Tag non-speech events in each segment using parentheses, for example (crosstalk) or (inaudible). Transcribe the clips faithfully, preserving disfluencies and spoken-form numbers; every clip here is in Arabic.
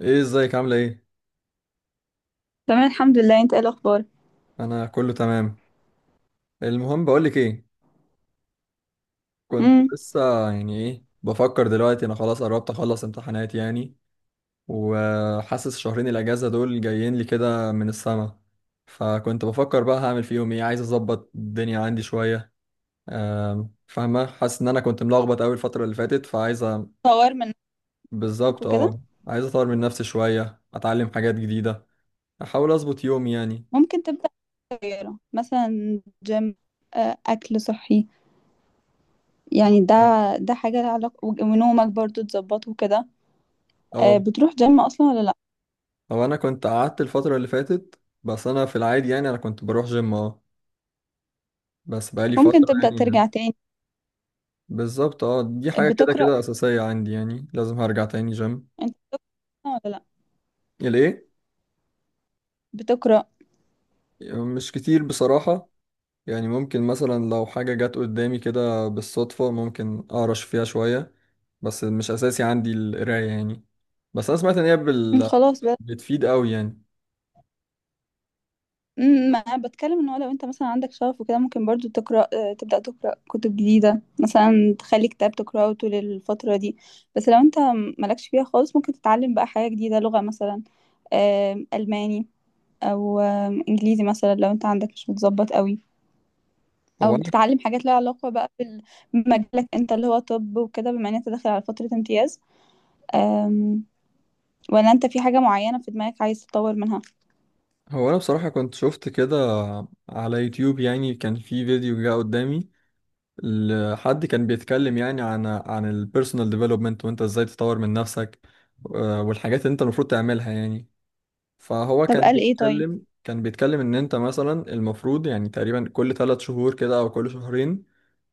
ايه، ازيك؟ عامله ايه؟ تمام الحمد لله، انت ايه الاخبار؟ انا كله تمام. المهم بقولك ايه. كنت امم. لسه يعني ايه بفكر دلوقتي، انا خلاص قربت اخلص امتحانات يعني. وحاسس شهرين الاجازه دول جايين لي كده من السما. فكنت بفكر بقى هعمل فيهم ايه، عايز اظبط الدنيا عندي شويه. أم، فاهمه، حاسس ان انا كنت ملخبط قوي الفتره اللي فاتت، فعايز أ- طور من نفسك بالظبط وكده. اه. عايز اطور من نفسي شويه، اتعلم حاجات جديده، احاول اظبط يومي يعني. ممكن تبدا غيره، مثلا جيم، آه، اكل صحي. يعني ده ده حاجه لها علاقه، وج- ونومك برضو تظبطه وكده. اه. آه، بتروح جيم اصلا ولا لا؟ هو انا كنت قعدت الفتره اللي فاتت، بس انا في العادي يعني انا كنت بروح جيم اه، بس بقالي ممكن فتره تبدا يعني. ترجع تاني. بالظبط اه، دي حاجه كده بتقرا كده اساسيه عندي، يعني لازم هرجع تاني جيم. انت بتقرا ولا لا؟ ليه؟ بتقرا؟ مش كتير بصراحه، يعني ممكن مثلا لو حاجه جت قدامي كده بالصدفه ممكن اقرش فيها شويه، بس مش اساسي عندي القرايه يعني. بس انا سمعت ان هي مم، بال... خلاص. بتفيد قوي يعني. امم ما انا بتكلم، ان هو لو انت مثلا عندك شغف وكده ممكن برضو تقرا، آه، تبدا تقرا كتب جديده مثلا، تخلي كتاب تقراه طول الفتره دي. بس لو انت مالكش فيها خالص ممكن تتعلم بقى حاجه جديده، لغه مثلا، آم، الماني، او آم، انجليزي مثلا، لو انت عندك مش متظبط قوي. هو او انا تتعلم حاجات لها علاقه بقى بال- بمجالك انت، اللي هو طب وكده، بما ان انت داخل على فتره امتياز، آم، ولا انت في حاجه معينه في دماغك عايز تطور منها؟ هو انا بصراحه كنت شفت كده على يوتيوب يعني، كان في فيديو جه قدامي، ال- حد كان بيتكلم يعني عن عن البيرسونال ديفلوبمنت، وانت ازاي تطور من نفسك. آه، والحاجات اللي انت المفروض تعملها يعني. فهو طب كان قال ايه طيب؟ بيتكلم كان بيتكلم ان انت مثلا المفروض يعني تقريبا كل ثلاث شهور كده او كل شهرين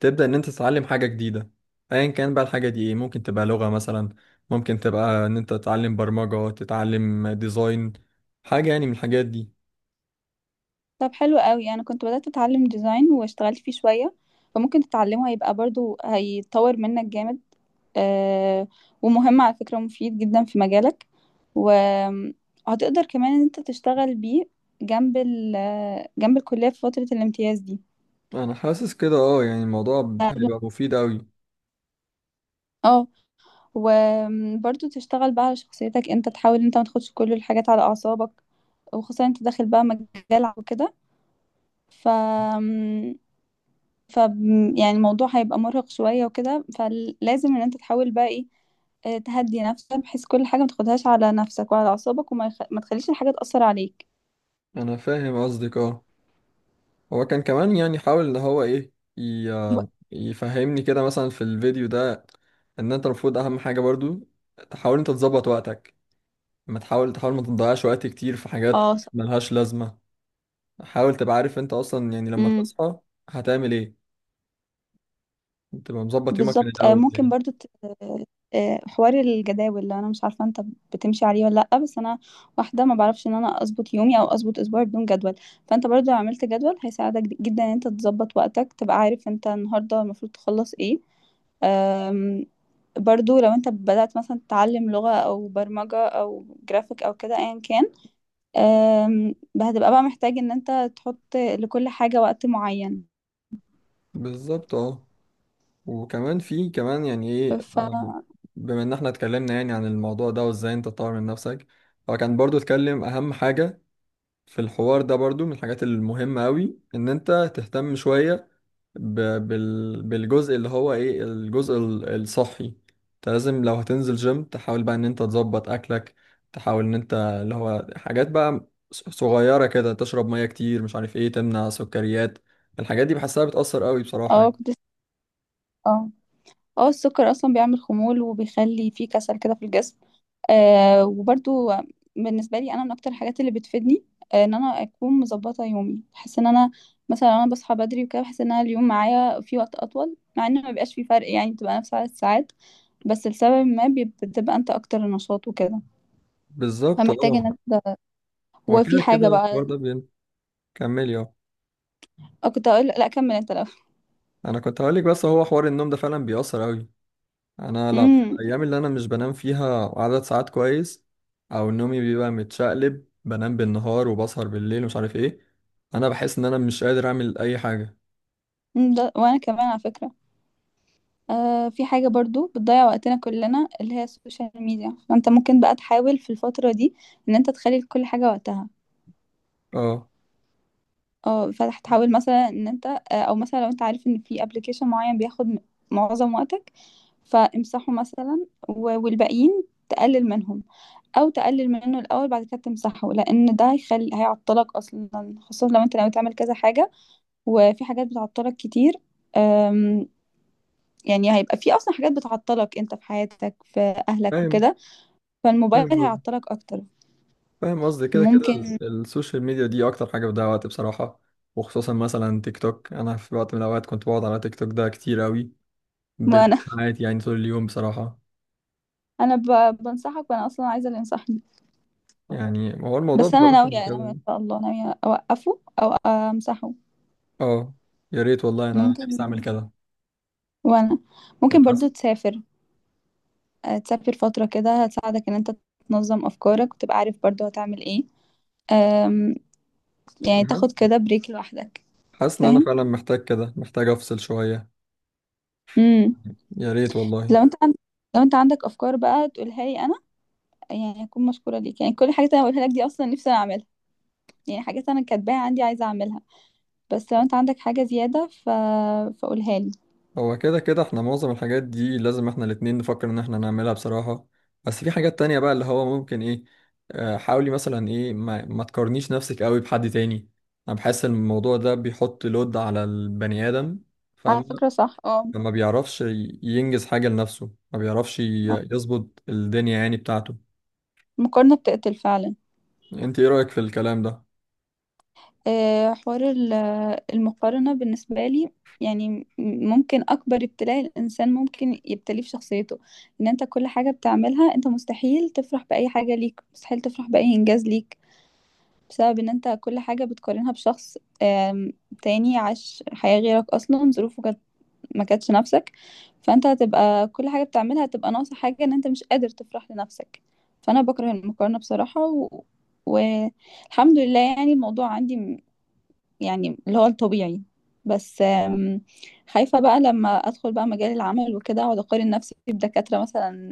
تبدأ ان انت تتعلم حاجة جديدة. ايا كان بقى الحاجة دي ايه، ممكن تبقى لغة مثلا، ممكن تبقى ان انت تتعلم برمجة، تتعلم ديزاين، حاجة يعني من الحاجات دي. طب حلو قوي. انا كنت بدأت اتعلم ديزاين واشتغلت فيه شوية، فممكن تتعلمه، هيبقى برضو هيطور منك جامد. آه، ومهم على فكرة، مفيد جدا في مجالك، وهتقدر كمان ان انت تشتغل بيه جنب ال- جنب الكلية في فترة الامتياز دي. انا حاسس كده اه، يعني الموضوع هيبقى مفيد قوي. اه، وبرضو تشتغل بقى على شخصيتك، انت تحاول انت ما تاخدش كل الحاجات على اعصابك، وخصوصا انت داخل بقى مجال وكده، ف ف يعني الموضوع هيبقى مرهق شوية وكده، فلازم ان انت تحاول بقى ايه، آه، تهدي نفسك، بحيث كل حاجة ما تاخدهاش على نفسك وعلى أعصابك، وما يخ... ما تخليش الحاجة تأثر عليك. انا فاهم قصدك اه. هو كان كمان يعني حاول ان هو ايه، ب- ي- يفهمني كده مثلا في الفيديو ده، ان انت المفروض اهم حاجة برضو تحاول انت تظبط وقتك، ما تحاول تحاول ما تضيعش وقت كتير في حاجات اه، ملهاش لازمة. حاول تبقى عارف انت اصلا يعني لما صح. تصحى هتعمل ايه، تبقى مظبط يومك من بالظبط، آه، الاول ممكن يعني. برضو ت- آه، حوار الجداول، اللي انا مش عارفه انت بتمشي عليه ولا لا، بس انا واحده ما بعرفش ان انا اظبط يومي او اظبط اسبوعي بدون جدول. فانت برضو لو عملت جدول هيساعدك جدا ان انت تظبط وقتك، تبقى عارف انت النهارده المفروض تخلص ايه. أم، برضو لو انت بدأت مثلا تتعلم لغة او برمجة او جرافيك او كده ايا كان، أم، هتبقى بقى محتاج ان انت تحط لكل حاجة وقت معين. بالظبط اه. وكمان في كمان يعني ايه، ف آه، بما ان احنا اتكلمنا يعني عن الموضوع ده وازاي انت تطور من نفسك، هو كان برضو اتكلم اهم حاجة في الحوار ده برضو من الحاجات المهمة أوي إن أنت تهتم شوية ب... بال... بالجزء اللي هو إيه، الجزء ال- الصحي. أنت لازم لو هتنزل جيم تحاول بقى إن أنت تظبط أكلك، تحاول إن أنت اللي هو حاجات بقى ص- صغيرة كده، تشرب مية كتير، مش عارف إيه، تمنع سكريات. الحاجات دي بحسها بتأثر أوي بصراحة اه، يعني. كنت اه اه السكر اصلا بيعمل خمول، وبيخلي فيه كسل كده في الجسم. آه، وبرضو بالنسبه لي انا، من اكتر الحاجات اللي بتفيدني آه ان انا اكون مظبطه يومي. بحس ان انا مثلا لو انا بصحى بدري وكده، بحس ان انا اليوم معايا فيه وقت اطول، مع ان ما بيبقاش فيه فرق يعني، بتبقى نفس عدد الساعات، بس لسبب ما بي- بتبقى انت اكتر نشاط وكده، بالظبط أه. فمحتاج ان انت، هو وفي كده حاجه كده الحوار بقى. ده بين... كملي أه. آه، كنت اقول، لا كمل انت الاول. أنا كنت هقولك، بس هو حوار النوم ده فعلا بيأثر أوي. انا (laughs) لا في امم. الايام اللي انا مش بنام فيها عدد ساعات كويس، او نومي بيبقى متشقلب، بنام بالنهار وبسهر بالليل ومش عارف ايه، انا بحس ان انا مش قادر اعمل اي حاجه. ده، وانا كمان على فكره، آه في حاجة برضو بتضيع وقتنا كلنا، اللي هي السوشيال ميديا، فانت ممكن بقى تحاول في الفترة دي ان انت تخلي كل حاجة وقتها. اه اه، فتحاول مثلا ان انت آه، او مثلا لو انت عارف ان في ابلكيشن معين بياخد م- معظم وقتك، فامسحه مثلا، و- والباقيين تقلل منهم، او تقلل منه الاول بعد كده تمسحه، لان ده هيخلي، هيعطلك اصلا، خصوصا لو انت ناوي تعمل كذا حاجة وفي حاجات بتعطلك كتير. أم، يعني هيبقى في اصلا حاجات بتعطلك انت في حياتك، في اهلك فاهم. وكده، فالموبايل فاهم قصدي. هيعطلك اكتر. فاهم قصدي، كده كده ممكن، ال- السوشيال ميديا دي اكتر حاجه بتضيع وقت بصراحه، وخصوصا مثلا تيك توك. انا في وقت من الاوقات كنت بقعد على تيك توك ده كتير قوي، وانا بالساعات يعني طول اليوم بصراحه. (laughs) انا ب... بنصحك وانا اصلا عايزه اللي ينصحني، يعني هو الموضوع بس انا بصراحه ناويه، ناويه كده ان شاء الله، ناويه اوقفه او امسحه. اه. يا ريت والله، انا نفسي ممكن اعمل كده. وانا أنا ممكن برضو تسافر، آه، تسافر فتره كده هتساعدك ان انت تنظم افكارك، وتبقى عارف برضو هتعمل ايه، أم... يعني حاسس تاخد كده بريك لوحدك. حاسس ان انا فاهم. فعلا محتاج كده، محتاج افصل شوية. امم. يا ريت والله. لو انت عند... لو انت عندك افكار بقى تقولها لي انا، يعني اكون مشكوره ليك، يعني كل حاجه انا بقولها لك دي اصلا نفسي انا اعملها، يعني حاجات انا كاتباها عندي عايزه اعملها. بس لو انت عندك حاجة زيادة ف... فقولها لي. هو كده كده احنا معظم الحاجات دي لازم احنا الاتنين نفكر ان احنا نعملها بصراحة. بس في حاجات تانية بقى اللي هو ممكن ايه، آه، حاولي مثلا ايه، ما, ما تقارنيش نفسك قوي بحد تاني. انا بحس ان الموضوع ده بيحط لود على البني ادم، على فاهم. فكرة صح، اه، ما بيعرفش ي- ينجز حاجة لنفسه، ما بيعرفش آه. ي- يظبط الدنيا يعني بتاعته. المقارنة بتقتل فعلا. انت ايه رأيك في الكلام ده؟ آه، حوار ال- المقارنة بالنسبة لي يعني، م- ممكن أكبر ابتلاء الإنسان ممكن يبتليه في شخصيته، إن أنت كل حاجة بتعملها أنت مستحيل تفرح بأي حاجة ليك، مستحيل تفرح بأي إنجاز ليك، بسبب إن أنت كل حاجة بتقارنها بشخص آم، تاني عاش حياة غيرك، أصلا ظروفه كانت ما كانتش نفسك، فانت هتبقى كل حاجه بتعملها هتبقى ناقصه حاجه، ان انت مش قادر تفرح لنفسك. فانا بكره المقارنه بصراحه، و... والحمد لله يعني الموضوع عندي م- يعني اللي هو الطبيعي، بس آم، خايفه بقى لما ادخل بقى مجال العمل وكده اقعد اقارن نفسي بدكاتره مثلا،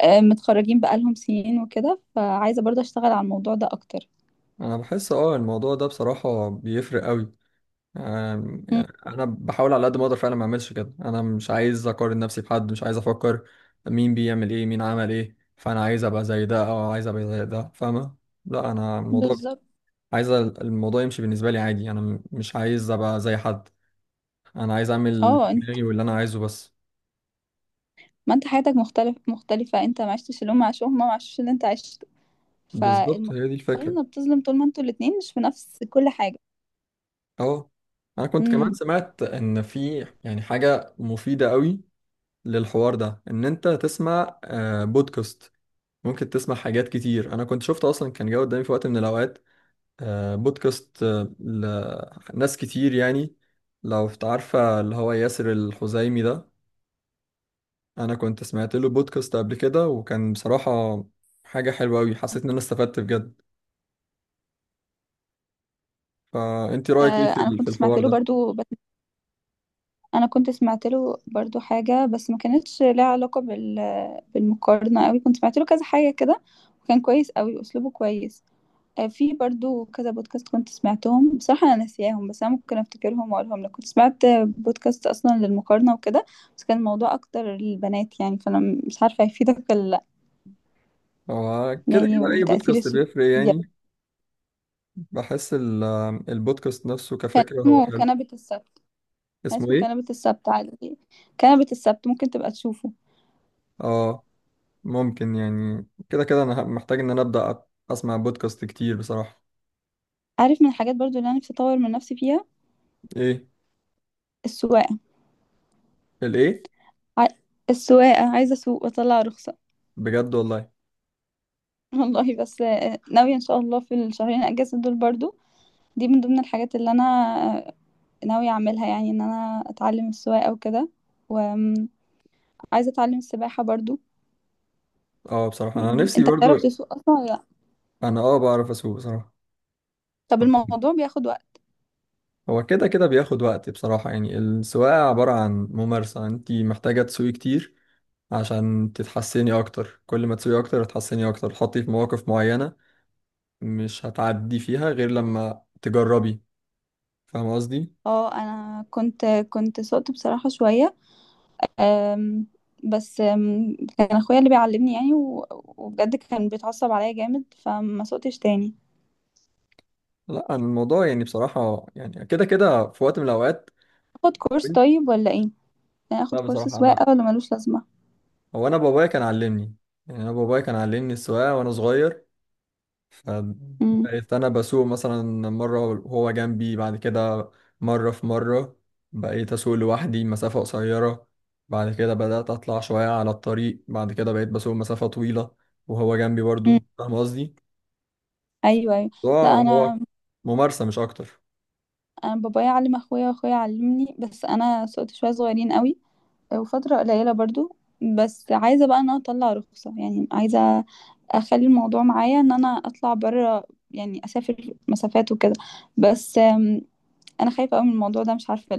آه، متخرجين بقالهم سنين وكده، فعايزه برضه اشتغل على الموضوع ده اكتر. انا بحس اه الموضوع ده بصراحة بيفرق قوي. أم، مم، يعني انا بحاول على قد ما اقدر فعلا ما اعملش كده، انا مش عايز اقارن نفسي بحد، مش عايز افكر مين بيعمل ايه مين عمل ايه، فانا عايز ابقى زي ده او عايز ابقى زي ده، فاهمه. لا انا الموضوع بالظبط، عايز ال- الموضوع يمشي بالنسبه لي عادي، انا م- مش عايز ابقى زي حد، انا عايز اعمل اللي في اه. انت- دماغي واللي انا عايزه بس. ما انت حياتك مختلف، مختلفه، انت ما عشتش اللي هم عاشوه، هم ما عاشوش اللي انت عشته، بالظبط هي دي الفكره. فالمقارنة بتظلم طول ما انتوا الاتنين مش في نفس كل حاجة. اه. انا كنت كمان امم. سمعت ان في يعني حاجه مفيده قوي للحوار ده، ان انت تسمع آه، بودكاست. ممكن تسمع حاجات كتير. انا كنت شفت اصلا كان جه قدامي في وقت من الاوقات آه، بودكاست آه، لناس كتير يعني. لو إنت عارفه اللي هو ياسر الخزايمي ده، انا كنت سمعت له بودكاست قبل كده، وكان بصراحه حاجه حلوه قوي، حسيت ان انا استفدت بجد. فانت رايك ايه آه، في انا ال- كنت في سمعت الحوار له ده؟ برضو، بس انا كنت سمعت له برضو حاجة بس ما كانتش لها علاقة بال... بالمقارنة قوي، كنت سمعت له كذا حاجة كده، وكان كويس قوي، اسلوبه كويس. آه، في برضو كذا بودكاست كنت سمعتهم، بصراحة انا ناسياهم، بس انا ممكن افتكرهم واقولهم لك. كنت سمعت بودكاست اصلا للمقارنة وكده، بس كان الموضوع اكتر للبنات يعني، فانا مش عارفة هيفيدك ولا لا. هو كده يعني كده اي وتأثير بودكاست السوشيال بيفرق ميديا. يعني. بحس ال- البودكاست نفسه كفكره هو اسمه حلو. كنبة السواد، يعني اسمه اسمه ايه؟ كنبة السبت عادي. كنبة السبت، ممكن تبقى تشوفه. اه ممكن، يعني كده كده انا محتاج ان انا ابدا اسمع بودكاست كتير بصراحة. عارف، من الحاجات برضو اللي انا نفسي اطور من نفسي فيها، ايه؟ السواقة. الايه؟ ع... السواقة، عايزة اسوق واطلع رخصة. بجد والله. (laughs) والله، بس آه، ناوية ان شاء الله في الشهرين اجازة دول برضو، دي من ضمن الحاجات اللي انا آه، ناوية اعملها، يعني ان انا اتعلم السواقة وكده، وعايزة اتعلم السباحة برضو. اه بصراحة انا م، نفسي انت برضو. بتعرف تسوق اصلا ولا لا؟ انا اه بعرف اسوق بصراحة. طب الموضوع بياخد وقت؟ هو كده كده بياخد وقت بصراحة يعني، السواقة عبارة عن ممارسة، انت محتاجة تسوقي كتير عشان تتحسني اكتر. كل ما تسوقي اكتر هتحسني اكتر، تحطي في مواقف معينة مش هتعدي فيها غير لما تجربي، فاهم قصدي. اه، انا كنت كنت سقت بصراحة شوية، آم، بس آم، كان اخويا اللي بيعلمني يعني، و- وبجد كان بيتعصب عليا جامد، فما سقتش تاني. لا أنا الموضوع يعني بصراحة يعني كده كده في وقت من الاوقات اخد كورس كنت- طيب ولا ايه؟ يعني لا اخد كورس بصراحة انا، سواقة ولا ملوش لازمة؟ هو انا بابايا كان علمني، يعني انا بابايا كان علمني السواقة وانا صغير. مم. بقيت انا بسوق مثلا مره وهو جنبي، بعد كده مره في مره بقيت اسوق لوحدي مسافه قصيره، بعد كده بدات اطلع شويه على الطريق، بعد كده بقيت بسوق مسافه طويله وهو جنبي مم. برضو، فاهم قصدي. ايوه، ايوه. الموضوع لا، هو انا ممارسه مش اكتر. انا بابايا علم اخويا، واخويا علمني، بس انا سقت شوية صغيرين قوي، وفترة قليلة برضو. بس عايزة بقى ان انا اطلع رخصة، يعني عايزة اخلي الموضوع معايا ان انا اطلع بره، يعني اسافر مسافات وكده، بس آم، انا خايفة قوي من الموضوع ده، مش عارفة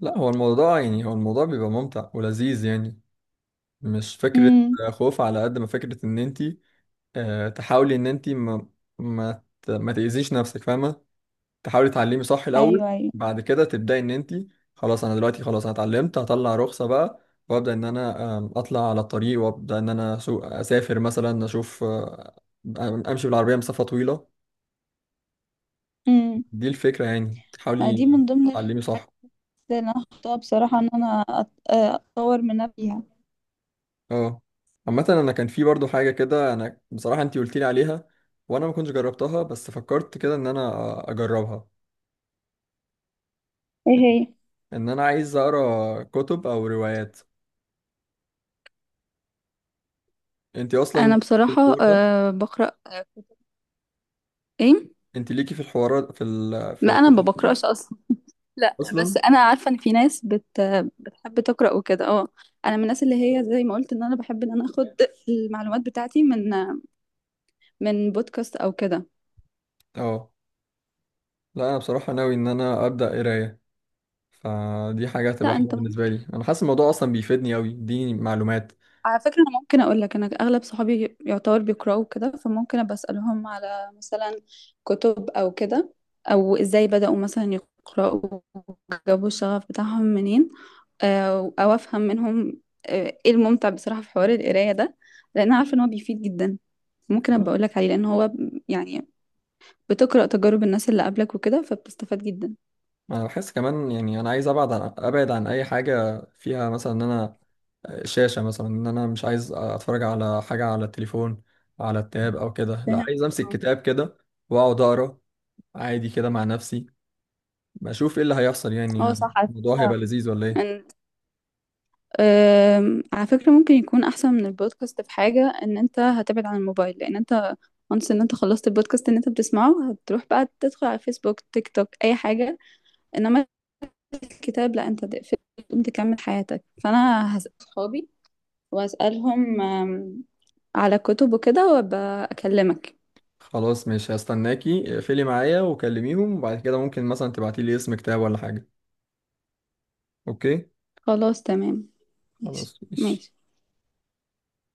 لا هو الموضوع يعني، هو الموضوع بيبقى ممتع ولذيذ يعني، مش فكره ليه. خوف على قد ما فكره ان انت آه، تحاولي ان انت ما ما ت- ما تاذيش نفسك، فاهمه. تحاولي تعلمي صح الاول، ايوه، ايوه. بعد كده تبداي ان انت، خلاص انا دلوقتي خلاص انا اتعلمت هطلع رخصه بقى، وابدا ان انا آم، اطلع على الطريق، وابدا ان انا أسوق، اسافر مثلا، اشوف آه، امشي بالعربيه مسافه طويله. امم. دي الفكره يعني، ما دي تحاولي من ضمن الحاجات تعلمي صح. اللي انا حطاها بصراحه ان انا أت- اطور من نفسي فيها. اه. عامه انا كان في برضو حاجه كده انا بصراحه انت قلت لي عليها وانا ما كنتش جربتها، بس فكرت كده ان انا آه، اجربها. ايه هي؟ ان انا عايز اقرا كتب او روايات. انت انا اصلا، بصراحه أه بقرا آه، كتب. ايه؟ انت ليكي في الحوارات في ال... في لا، في انا ما الكتب بقراش اصلا. لا، بس اصلا؟ انا عارفه ان في ناس بت بتحب تقرا وكده، اه. انا من الناس اللي هي زي ما قلت ان انا بحب ان انا اخد المعلومات بتاعتي من من بودكاست او كده. اه لا، انا بصراحه ناوي ان انا ابدا قرايه، فدي حاجه لا، هتبقى انت حلوه بالنسبه ممكن، لي، انا حاسس الموضوع اصلا بيفيدني قوي، يديني معلومات. على فكرة، أنا ممكن أقول لك، أنا أغلب صحابي يعتبر بيقرأوا كده، فممكن أبقى أسألهم على مثلا كتب أو كده، أو إزاي بدأوا مثلا يقرأوا، جابوا الشغف بتاعهم منين، أو أو أفهم منهم، آه، إيه الممتع بصراحة في حوار القراية ده، لأن عارفة إن هو بيفيد جدا، ممكن أبقى أقول لك عليه، لأن هو، يعني، بتقرأ تجارب الناس اللي قبلك وكده، فبتستفاد جدا. انا بحس كمان يعني انا عايز ابعد عن ابعد عن اي حاجه فيها مثلا ان انا شاشه، مثلا ان انا مش عايز اتفرج على حاجه على التليفون، على التاب او كده. لا فاهم. عايز امسك اه، كتاب كده واقعد اقرا عادي كده مع نفسي، بشوف ايه اللي هيحصل يعني. آه، يعني صح على الموضوع هيبقى فكرة. لذيذ ولا ايه؟ أم، على فكرة ممكن يكون أحسن من البودكاست في حاجة، إن أنت هتبعد عن الموبايل، لأن أنت once إن أنت خلصت البودكاست إن أنت بتسمعه، هتروح بقى تدخل على فيسبوك، تيك توك، أي حاجة، إنما الكتاب لأ، أنت تقفل تقوم تكمل حياتك. فأنا هسأل صحابي، وأسألهم أم، على كتب وكده، وأبقى أكلمك. خلاص ماشي، هستناكي اقفلي معايا وكلميهم، وبعد كده ممكن مثلا تبعتي لي اسم كتاب ولا حاجة. اوكي خلاص، تمام. ماشي، خلاص ماشي ماشي.